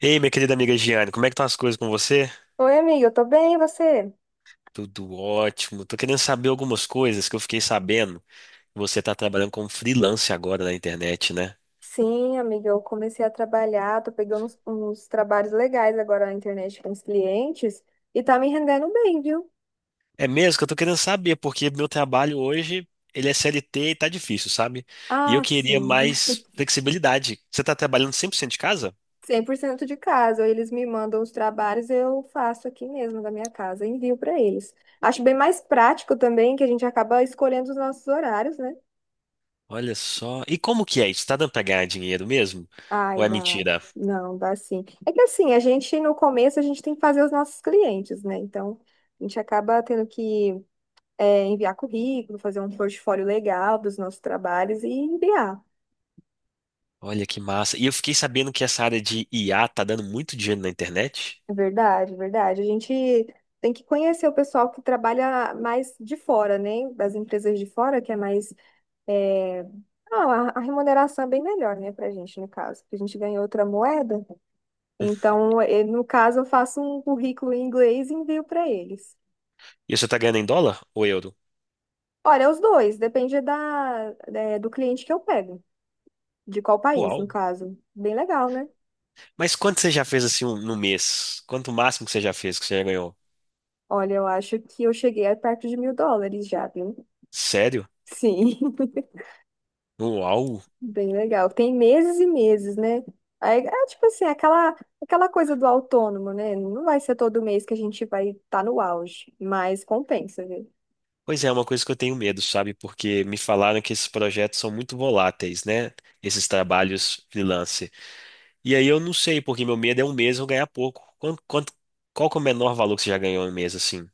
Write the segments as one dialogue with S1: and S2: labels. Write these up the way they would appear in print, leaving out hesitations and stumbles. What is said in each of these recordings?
S1: Ei, minha querida amiga Giane, como é que estão as coisas com você?
S2: Oi, amiga, eu tô bem, e você?
S1: Tudo ótimo. Tô querendo saber algumas coisas que eu fiquei sabendo. Você tá trabalhando como freelance agora na internet, né?
S2: Sim, amiga, eu comecei a trabalhar, tô pegando uns trabalhos legais agora na internet com os clientes e tá me rendendo bem, viu?
S1: É mesmo que eu tô querendo saber, porque meu trabalho hoje, ele é CLT e tá difícil, sabe? E eu
S2: Ah,
S1: queria
S2: sim.
S1: mais flexibilidade. Você tá trabalhando 100% de casa?
S2: 100% de casa, eles me mandam os trabalhos, eu faço aqui mesmo da minha casa, envio pra eles. Acho bem mais prático também, que a gente acaba escolhendo os nossos horários, né?
S1: Olha só. E como que é isso? Tá dando pra ganhar dinheiro mesmo? Ou
S2: Ai,
S1: é
S2: dá.
S1: mentira?
S2: Não, dá sim. É que assim, a gente no começo a gente tem que fazer os nossos clientes, né? Então, a gente acaba tendo que enviar currículo, fazer um portfólio legal dos nossos trabalhos e enviar.
S1: Olha que massa. E eu fiquei sabendo que essa área de IA tá dando muito dinheiro na internet.
S2: É verdade, é verdade. A gente tem que conhecer o pessoal que trabalha mais de fora, né? Das empresas de fora, que é mais. é, a remuneração é bem melhor, né, pra gente, no caso, porque a gente ganha outra moeda. Então, no caso, eu faço um currículo em inglês e envio para eles.
S1: E você tá ganhando em dólar ou euro?
S2: Olha, os dois, depende do cliente que eu pego, de qual país,
S1: Uau.
S2: no caso. Bem legal, né?
S1: Mas quanto você já fez assim no mês? Quanto o máximo que você já fez, que você já ganhou?
S2: Olha, eu acho que eu cheguei a perto de US$ 1.000 já, viu?
S1: Sério?
S2: Sim,
S1: Uau.
S2: bem legal. Tem meses e meses, né? Aí, é tipo assim, aquela coisa do autônomo, né? Não vai ser todo mês que a gente vai estar no auge, mas compensa, viu?
S1: Pois é, é uma coisa que eu tenho medo, sabe? Porque me falaram que esses projetos são muito voláteis, né? Esses trabalhos freelance. E aí eu não sei, porque meu medo é um mês eu ganhar pouco. Quanto, qual que é o menor valor que você já ganhou em um mês assim?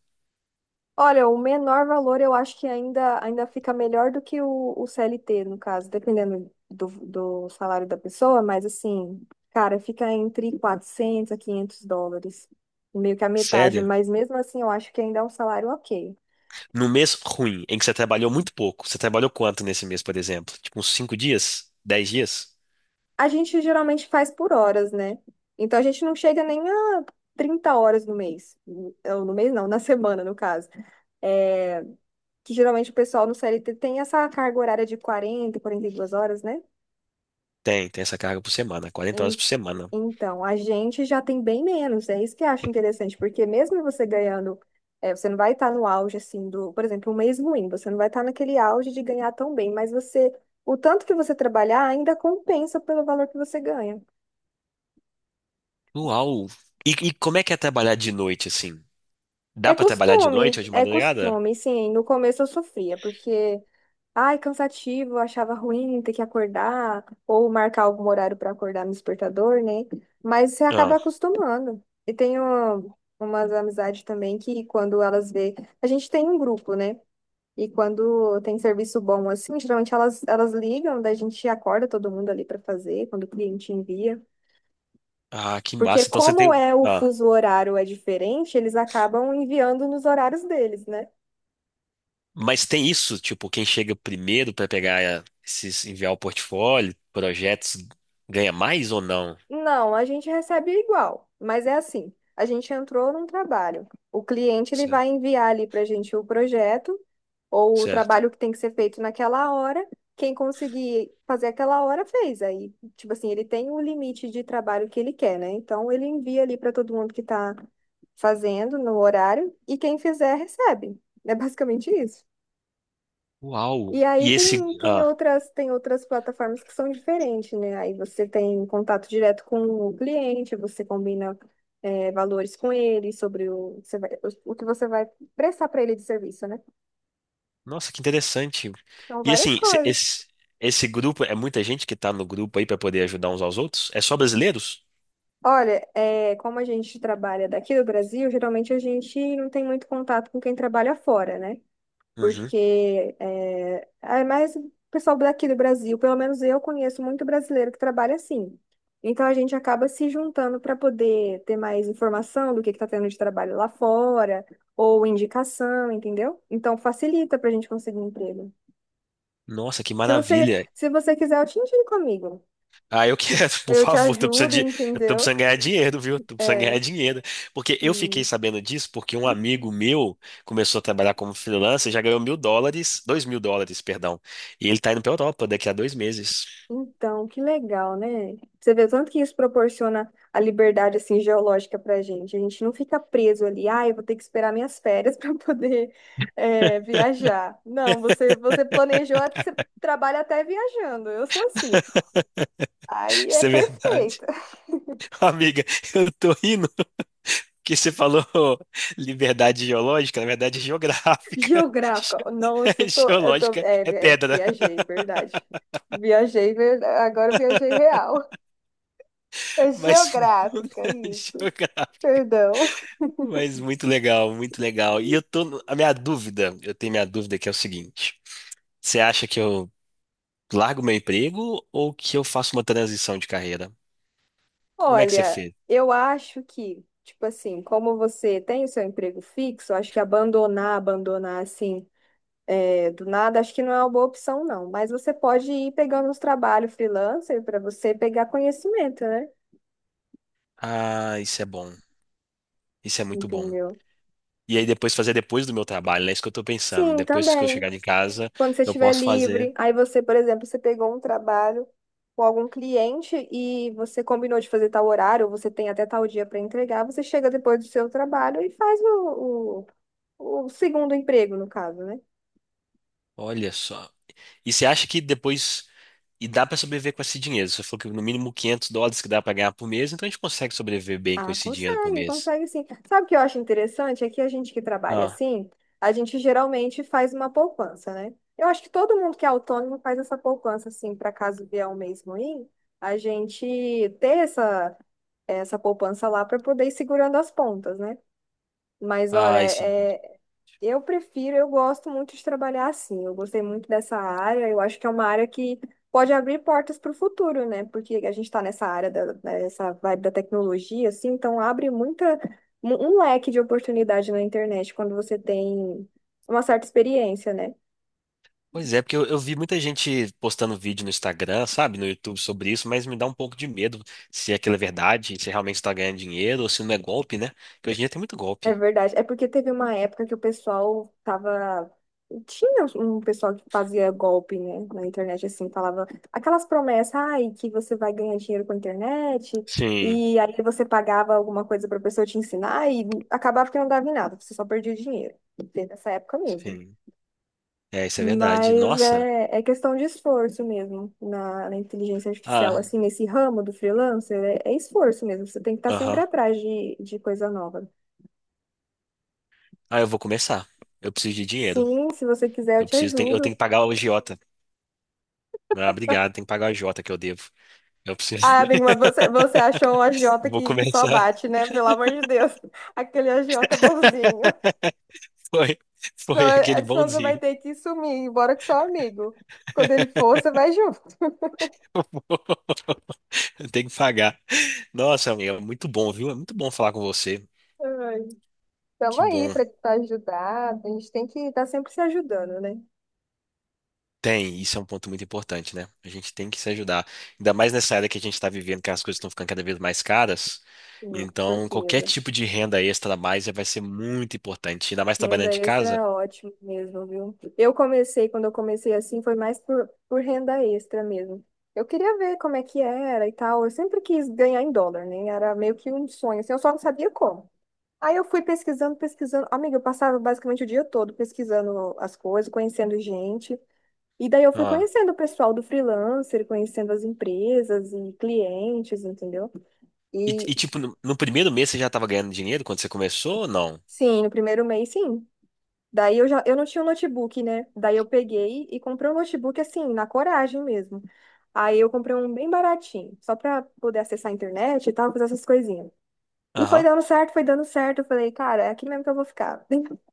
S2: Olha, o menor valor eu acho que ainda fica melhor do que o CLT, no caso, dependendo do salário da pessoa, mas assim, cara, fica entre 400, a 500 dólares, meio que a metade,
S1: Sério?
S2: mas mesmo assim eu acho que ainda é um salário ok.
S1: No mês ruim, em que você trabalhou muito pouco. Você trabalhou quanto nesse mês, por exemplo? Tipo uns 5 dias? 10 dias?
S2: A gente geralmente faz por horas, né? Então a gente não chega nem a 30 horas no mês. Ou no mês não, na semana, no caso. É, que geralmente o pessoal no CLT tem essa carga horária de 40, 42 horas, né?
S1: Tem essa carga por semana, quarenta horas
S2: Em-
S1: por semana.
S2: Então, a gente já tem bem menos. É isso que eu acho interessante, porque mesmo você ganhando, você não vai estar no auge, assim, do, por exemplo, um mês ruim, você não vai estar naquele auge de ganhar tão bem, mas você, o tanto que você trabalhar ainda compensa pelo valor que você ganha.
S1: Uau! E como é que é trabalhar de noite, assim? Dá pra trabalhar de noite ou de
S2: É
S1: madrugada?
S2: costume, sim. No começo eu sofria, porque, ai, cansativo, eu achava ruim ter que acordar, ou marcar algum horário para acordar no despertador, né? Mas você acaba
S1: Ah,
S2: acostumando. E tenho umas amizades também que, quando elas vê, a gente tem um grupo, né? E quando tem serviço bom assim, geralmente elas ligam, daí a gente acorda todo mundo ali para fazer, quando o cliente envia.
S1: ah, que
S2: Porque
S1: massa. Então você
S2: como
S1: tem.
S2: é o
S1: Ah,
S2: fuso horário é diferente, eles acabam enviando nos horários deles, né?
S1: mas tem isso, tipo, quem chega primeiro pra pegar esses, enviar o portfólio, projetos, ganha mais ou não?
S2: Não, a gente recebe igual, mas é assim, a gente entrou num trabalho. O cliente ele
S1: Certo.
S2: vai enviar ali para a gente o projeto ou o
S1: Certo.
S2: trabalho que tem que ser feito naquela hora. Quem conseguir fazer aquela hora fez. Aí, tipo assim, ele tem o limite de trabalho que ele quer, né? Então ele envia ali para todo mundo que está fazendo no horário e quem fizer recebe. É basicamente isso.
S1: Uau!
S2: E aí
S1: E esse.
S2: tem, tem
S1: Ah,
S2: outras, tem outras plataformas que são diferentes, né? Aí você tem contato direto com o cliente, você combina, valores com ele, sobre o, o que você vai prestar para ele de serviço, né?
S1: nossa, que interessante.
S2: São
S1: E
S2: várias
S1: assim,
S2: coisas.
S1: esse, esse grupo, é muita gente que tá no grupo aí pra poder ajudar uns aos outros? É só brasileiros?
S2: Olha, como a gente trabalha daqui do Brasil, geralmente a gente não tem muito contato com quem trabalha fora, né?
S1: Uhum.
S2: Porque é mais o pessoal daqui do Brasil, pelo menos eu conheço muito brasileiro que trabalha assim. Então a gente acaba se juntando para poder ter mais informação do que está tendo de trabalho lá fora, ou indicação, entendeu? Então facilita para a gente conseguir um emprego.
S1: Nossa, que
S2: Se você,
S1: maravilha!
S2: se você quiser, eu te indico, amigo.
S1: Ah, eu quero, por
S2: Eu te
S1: favor,
S2: ajudo,
S1: eu tô
S2: entendeu?
S1: precisando ganhar dinheiro, viu? Tô precisando ganhar
S2: É,
S1: dinheiro. Porque eu fiquei sabendo disso porque um amigo meu começou a trabalhar como freelancer, já ganhou mil dólares, dois mil dólares, perdão. E ele tá indo pra Europa daqui a dois meses.
S2: Então, que legal, né? Você vê o tanto que isso proporciona a liberdade assim geológica para a gente. A gente não fica preso ali, ah, eu vou ter que esperar minhas férias para poder viajar. Não, você planejou, você trabalha até viajando. Eu sou assim. Aí é
S1: Isso é verdade.
S2: perfeito.
S1: Amiga, eu tô rindo porque você falou liberdade geológica, na verdade é geográfica.
S2: Geográfica. Nossa, eu tô,
S1: Geológica é pedra.
S2: viajei, verdade. Viajei, agora eu viajei real. É
S1: Mas
S2: geográfica, isso.
S1: geográfica.
S2: Perdão.
S1: Mas muito legal, muito legal. E eu tô. No- A minha dúvida, eu tenho minha dúvida que é o seguinte: você acha que eu largo meu emprego ou que eu faço uma transição de carreira? Como é que você
S2: Olha,
S1: fez?
S2: eu acho que, tipo assim, como você tem o seu emprego fixo, acho que abandonar assim, do nada, acho que não é uma boa opção, não. Mas você pode ir pegando uns trabalhos freelancer para você pegar conhecimento, né?
S1: Ah, isso é bom. Isso é muito bom.
S2: Entendeu?
S1: E aí depois fazer depois do meu trabalho, né? É isso que eu tô pensando.
S2: Sim,
S1: Depois que eu
S2: também.
S1: chegar de casa,
S2: Quando você
S1: eu
S2: estiver
S1: posso fazer.
S2: livre, aí você, por exemplo, você pegou um trabalho com algum cliente e você combinou de fazer tal horário, ou você tem até tal dia para entregar, você chega depois do seu trabalho e faz o segundo emprego, no caso, né?
S1: Olha só. E você acha que depois. E dá pra sobreviver com esse dinheiro? Você falou que no mínimo 500 dólares que dá pra ganhar por mês, então a gente consegue sobreviver bem com
S2: Ah,
S1: esse dinheiro por
S2: consegue,
S1: mês.
S2: consegue sim. Sabe o que eu acho interessante? É que a gente que trabalha
S1: Ah,
S2: assim, a gente geralmente faz uma poupança, né? Eu acho que todo mundo que é autônomo faz essa poupança, assim, para caso vier um mês ruim, a gente ter essa poupança lá para poder ir segurando as pontas, né? Mas olha,
S1: ah, isso.
S2: eu prefiro, eu gosto muito de trabalhar assim. Eu gostei muito dessa área. Eu acho que é uma área que pode abrir portas para o futuro, né? Porque a gente está nessa área dessa vibe da tecnologia, assim, então abre muita um leque de oportunidade na internet quando você tem uma certa experiência, né?
S1: Pois é, porque eu vi muita gente postando vídeo no Instagram, sabe, no YouTube sobre isso, mas me dá um pouco de medo se aquilo é verdade, se realmente está ganhando dinheiro ou se não é golpe, né? Porque hoje em dia tem muito
S2: É
S1: golpe.
S2: verdade. É porque teve uma época que o pessoal tava. Tinha um pessoal que fazia golpe, né, na internet, assim, falava aquelas promessas, ai, que você vai ganhar dinheiro com a internet,
S1: Sim,
S2: e aí você pagava alguma coisa pra pessoa te ensinar, e acabava que não dava em nada, você só perdia dinheiro. Teve essa época mesmo.
S1: sim. É, isso é verdade.
S2: Mas
S1: Nossa.
S2: é questão de esforço mesmo na inteligência artificial,
S1: Ah,
S2: assim, nesse ramo do freelancer, é esforço mesmo, você tem que estar sempre
S1: aham.
S2: atrás de coisa nova.
S1: Ah, eu vou começar. Eu preciso de dinheiro.
S2: Sim, se você quiser, eu
S1: Eu
S2: te
S1: preciso, eu
S2: ajudo.
S1: tenho que pagar o agiota. Ah, obrigado, tenho que pagar o agiota que eu devo. Eu preciso.
S2: Ah, amigo, mas você achou um agiota
S1: Vou
S2: que só
S1: começar.
S2: bate, né? Pelo amor de Deus. Aquele agiota bonzinho.
S1: Foi,
S2: então
S1: foi
S2: é-
S1: aquele
S2: é- senão você vai
S1: bonzinho.
S2: ter que sumir, embora que só amigo. Quando ele for, você vai junto.
S1: Eu tenho que pagar. Nossa, amiga, muito bom, viu? É muito bom falar com você.
S2: Ai. Tamo
S1: Que
S2: aí
S1: bom.
S2: pra te ajudar. A gente tem que estar sempre se ajudando, né?
S1: Tem, isso é um ponto muito importante, né? A gente tem que se ajudar. Ainda mais nessa era que a gente está vivendo, que as coisas estão ficando cada vez mais caras.
S2: Sim, com
S1: Então, qualquer
S2: certeza.
S1: tipo de renda extra a mais vai ser muito importante. Ainda mais
S2: Renda
S1: trabalhando de
S2: extra é
S1: casa.
S2: ótimo mesmo, viu? Quando eu comecei assim, foi mais por renda extra mesmo. Eu queria ver como é que era e tal. Eu sempre quis ganhar em dólar, né? Era meio que um sonho, assim, eu só não sabia como. Aí eu fui pesquisando, pesquisando. Amiga, eu passava basicamente o dia todo pesquisando as coisas, conhecendo gente. E daí eu fui
S1: Ah.
S2: conhecendo o pessoal do freelancer, conhecendo as empresas e clientes, entendeu?
S1: E,
S2: E
S1: e, tipo, no, no primeiro mês você já estava ganhando dinheiro quando você começou ou não?
S2: sim, no primeiro mês, sim. Daí eu não tinha um notebook, né? Daí eu peguei e comprei um notebook assim, na coragem mesmo. Aí eu comprei um bem baratinho, só pra poder acessar a internet e tal, fazer essas coisinhas. E foi
S1: Aham.
S2: dando certo, foi dando certo. Eu falei, cara, é aqui mesmo que eu vou ficar.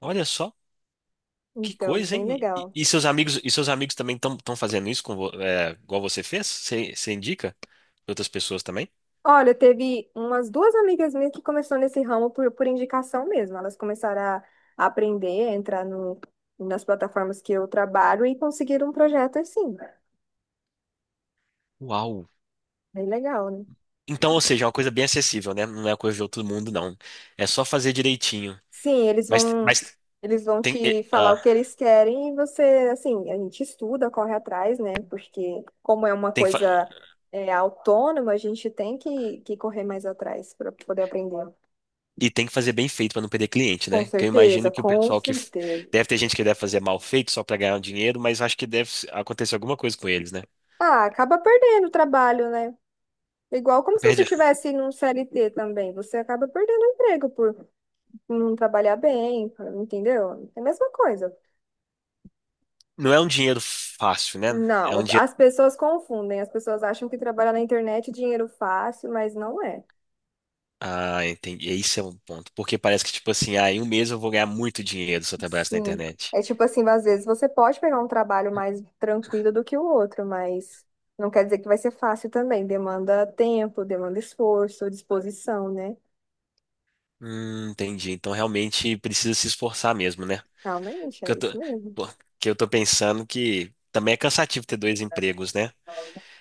S1: Olha só, que
S2: Então,
S1: coisa,
S2: bem
S1: hein? E,
S2: legal.
S1: e seus amigos, e seus amigos também estão fazendo isso com, igual você fez? Você indica pra outras pessoas também?
S2: Olha, teve umas duas amigas minhas que começou nesse ramo por indicação mesmo. Elas começaram a aprender, a entrar no, nas plataformas que eu trabalho e conseguiram um projeto assim.
S1: Uau!
S2: Bem legal, né?
S1: Então, ou seja, é uma coisa bem acessível, né? Não é coisa de outro mundo, não. É só fazer direitinho.
S2: Sim, eles vão
S1: Mas
S2: eles vão
S1: tem,
S2: te
S1: e,
S2: falar
S1: ah,
S2: o que eles querem e você, assim, a gente estuda, corre atrás, né? Porque como é uma
S1: tem que, fa-
S2: coisa autônoma, a gente tem que correr mais atrás para poder aprender.
S1: e tem que fazer bem feito para não perder cliente,
S2: Com
S1: né? Que eu
S2: certeza,
S1: imagino que o
S2: com
S1: pessoal
S2: certeza.
S1: deve ter gente que deve fazer mal feito só para ganhar um dinheiro, mas acho que acontecer alguma coisa com eles, né?
S2: Ah, acaba perdendo o trabalho, né? Igual como se você
S1: Perde-
S2: tivesse num CLT também, você acaba perdendo o emprego por não trabalhar bem, entendeu? É a mesma coisa.
S1: Não é um dinheiro fácil, né? É um
S2: Não,
S1: dinheiro.
S2: as pessoas confundem, as pessoas acham que trabalhar na internet é dinheiro fácil, mas não é.
S1: Ah, entendi. Esse é um ponto. Porque parece que, tipo assim, ah, em um mês eu vou ganhar muito dinheiro se eu trabalhasse na
S2: Sim.
S1: internet.
S2: É tipo assim, às vezes você pode pegar um trabalho mais tranquilo do que o outro, mas não quer dizer que vai ser fácil também. Demanda tempo, demanda esforço, disposição, né?
S1: Entendi. Então realmente precisa se esforçar mesmo, né?
S2: Realmente,
S1: que
S2: é
S1: eu
S2: isso
S1: tô,
S2: mesmo.
S1: pô, que eu tô pensando que também é cansativo ter dois empregos, né?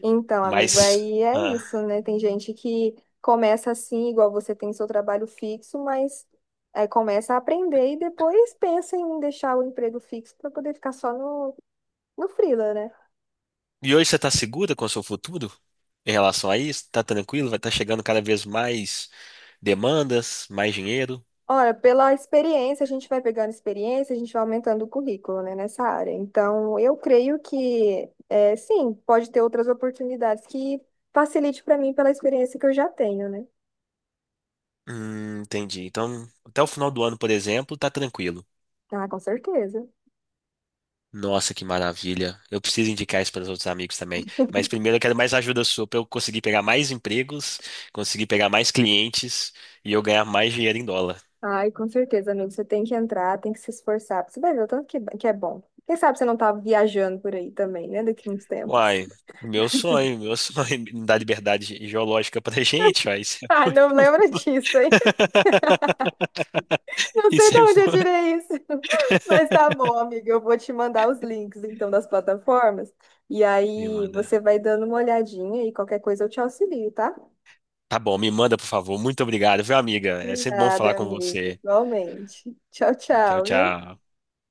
S2: Então, amigo,
S1: Mas.
S2: aí é
S1: ah,
S2: isso, né? Tem gente que começa assim, igual você tem seu trabalho fixo, mas começa a aprender e depois pensa em deixar o emprego fixo para poder ficar só no freela, né?
S1: E hoje você tá segura com o seu futuro em relação a isso? Tá tranquilo? Vai estar chegando cada vez mais demandas, mais dinheiro?
S2: Olha, pela experiência, a gente vai pegando experiência, a gente vai aumentando o currículo, né, nessa área. Então, eu creio que, sim, pode ter outras oportunidades que facilite para mim pela experiência que eu já tenho, né?
S1: Entendi. Então, até o final do ano, por exemplo, tá tranquilo.
S2: Ah, com certeza.
S1: Nossa, que maravilha. Eu preciso indicar isso para os outros amigos também. Mas primeiro eu quero mais ajuda sua para eu conseguir pegar mais empregos, conseguir pegar mais clientes e eu ganhar mais dinheiro em dólar.
S2: Ai, com certeza, amigo. Você tem que entrar, tem que se esforçar. Você vai ver o tanto que é bom. Quem sabe você não tá viajando por aí também, né, daqui a uns tempos.
S1: Uai, meu sonho, me dar liberdade geológica pra gente, uai, isso é
S2: Ah, não
S1: muito
S2: lembra
S1: bom.
S2: disso, hein? Não sei
S1: Isso
S2: de
S1: é
S2: onde eu
S1: bom.
S2: tirei isso, mas tá bom, amiga. Eu vou te mandar os links, então, das plataformas. E
S1: Me
S2: aí você
S1: manda.
S2: vai dando uma olhadinha e qualquer coisa eu te auxilio, tá?
S1: Tá bom, me manda, por favor. Muito obrigado, viu, amiga?
S2: De
S1: É sempre bom falar
S2: nada,
S1: com
S2: amigo.
S1: você.
S2: Igualmente. Tchau,
S1: Tchau,
S2: tchau, viu?
S1: tchau.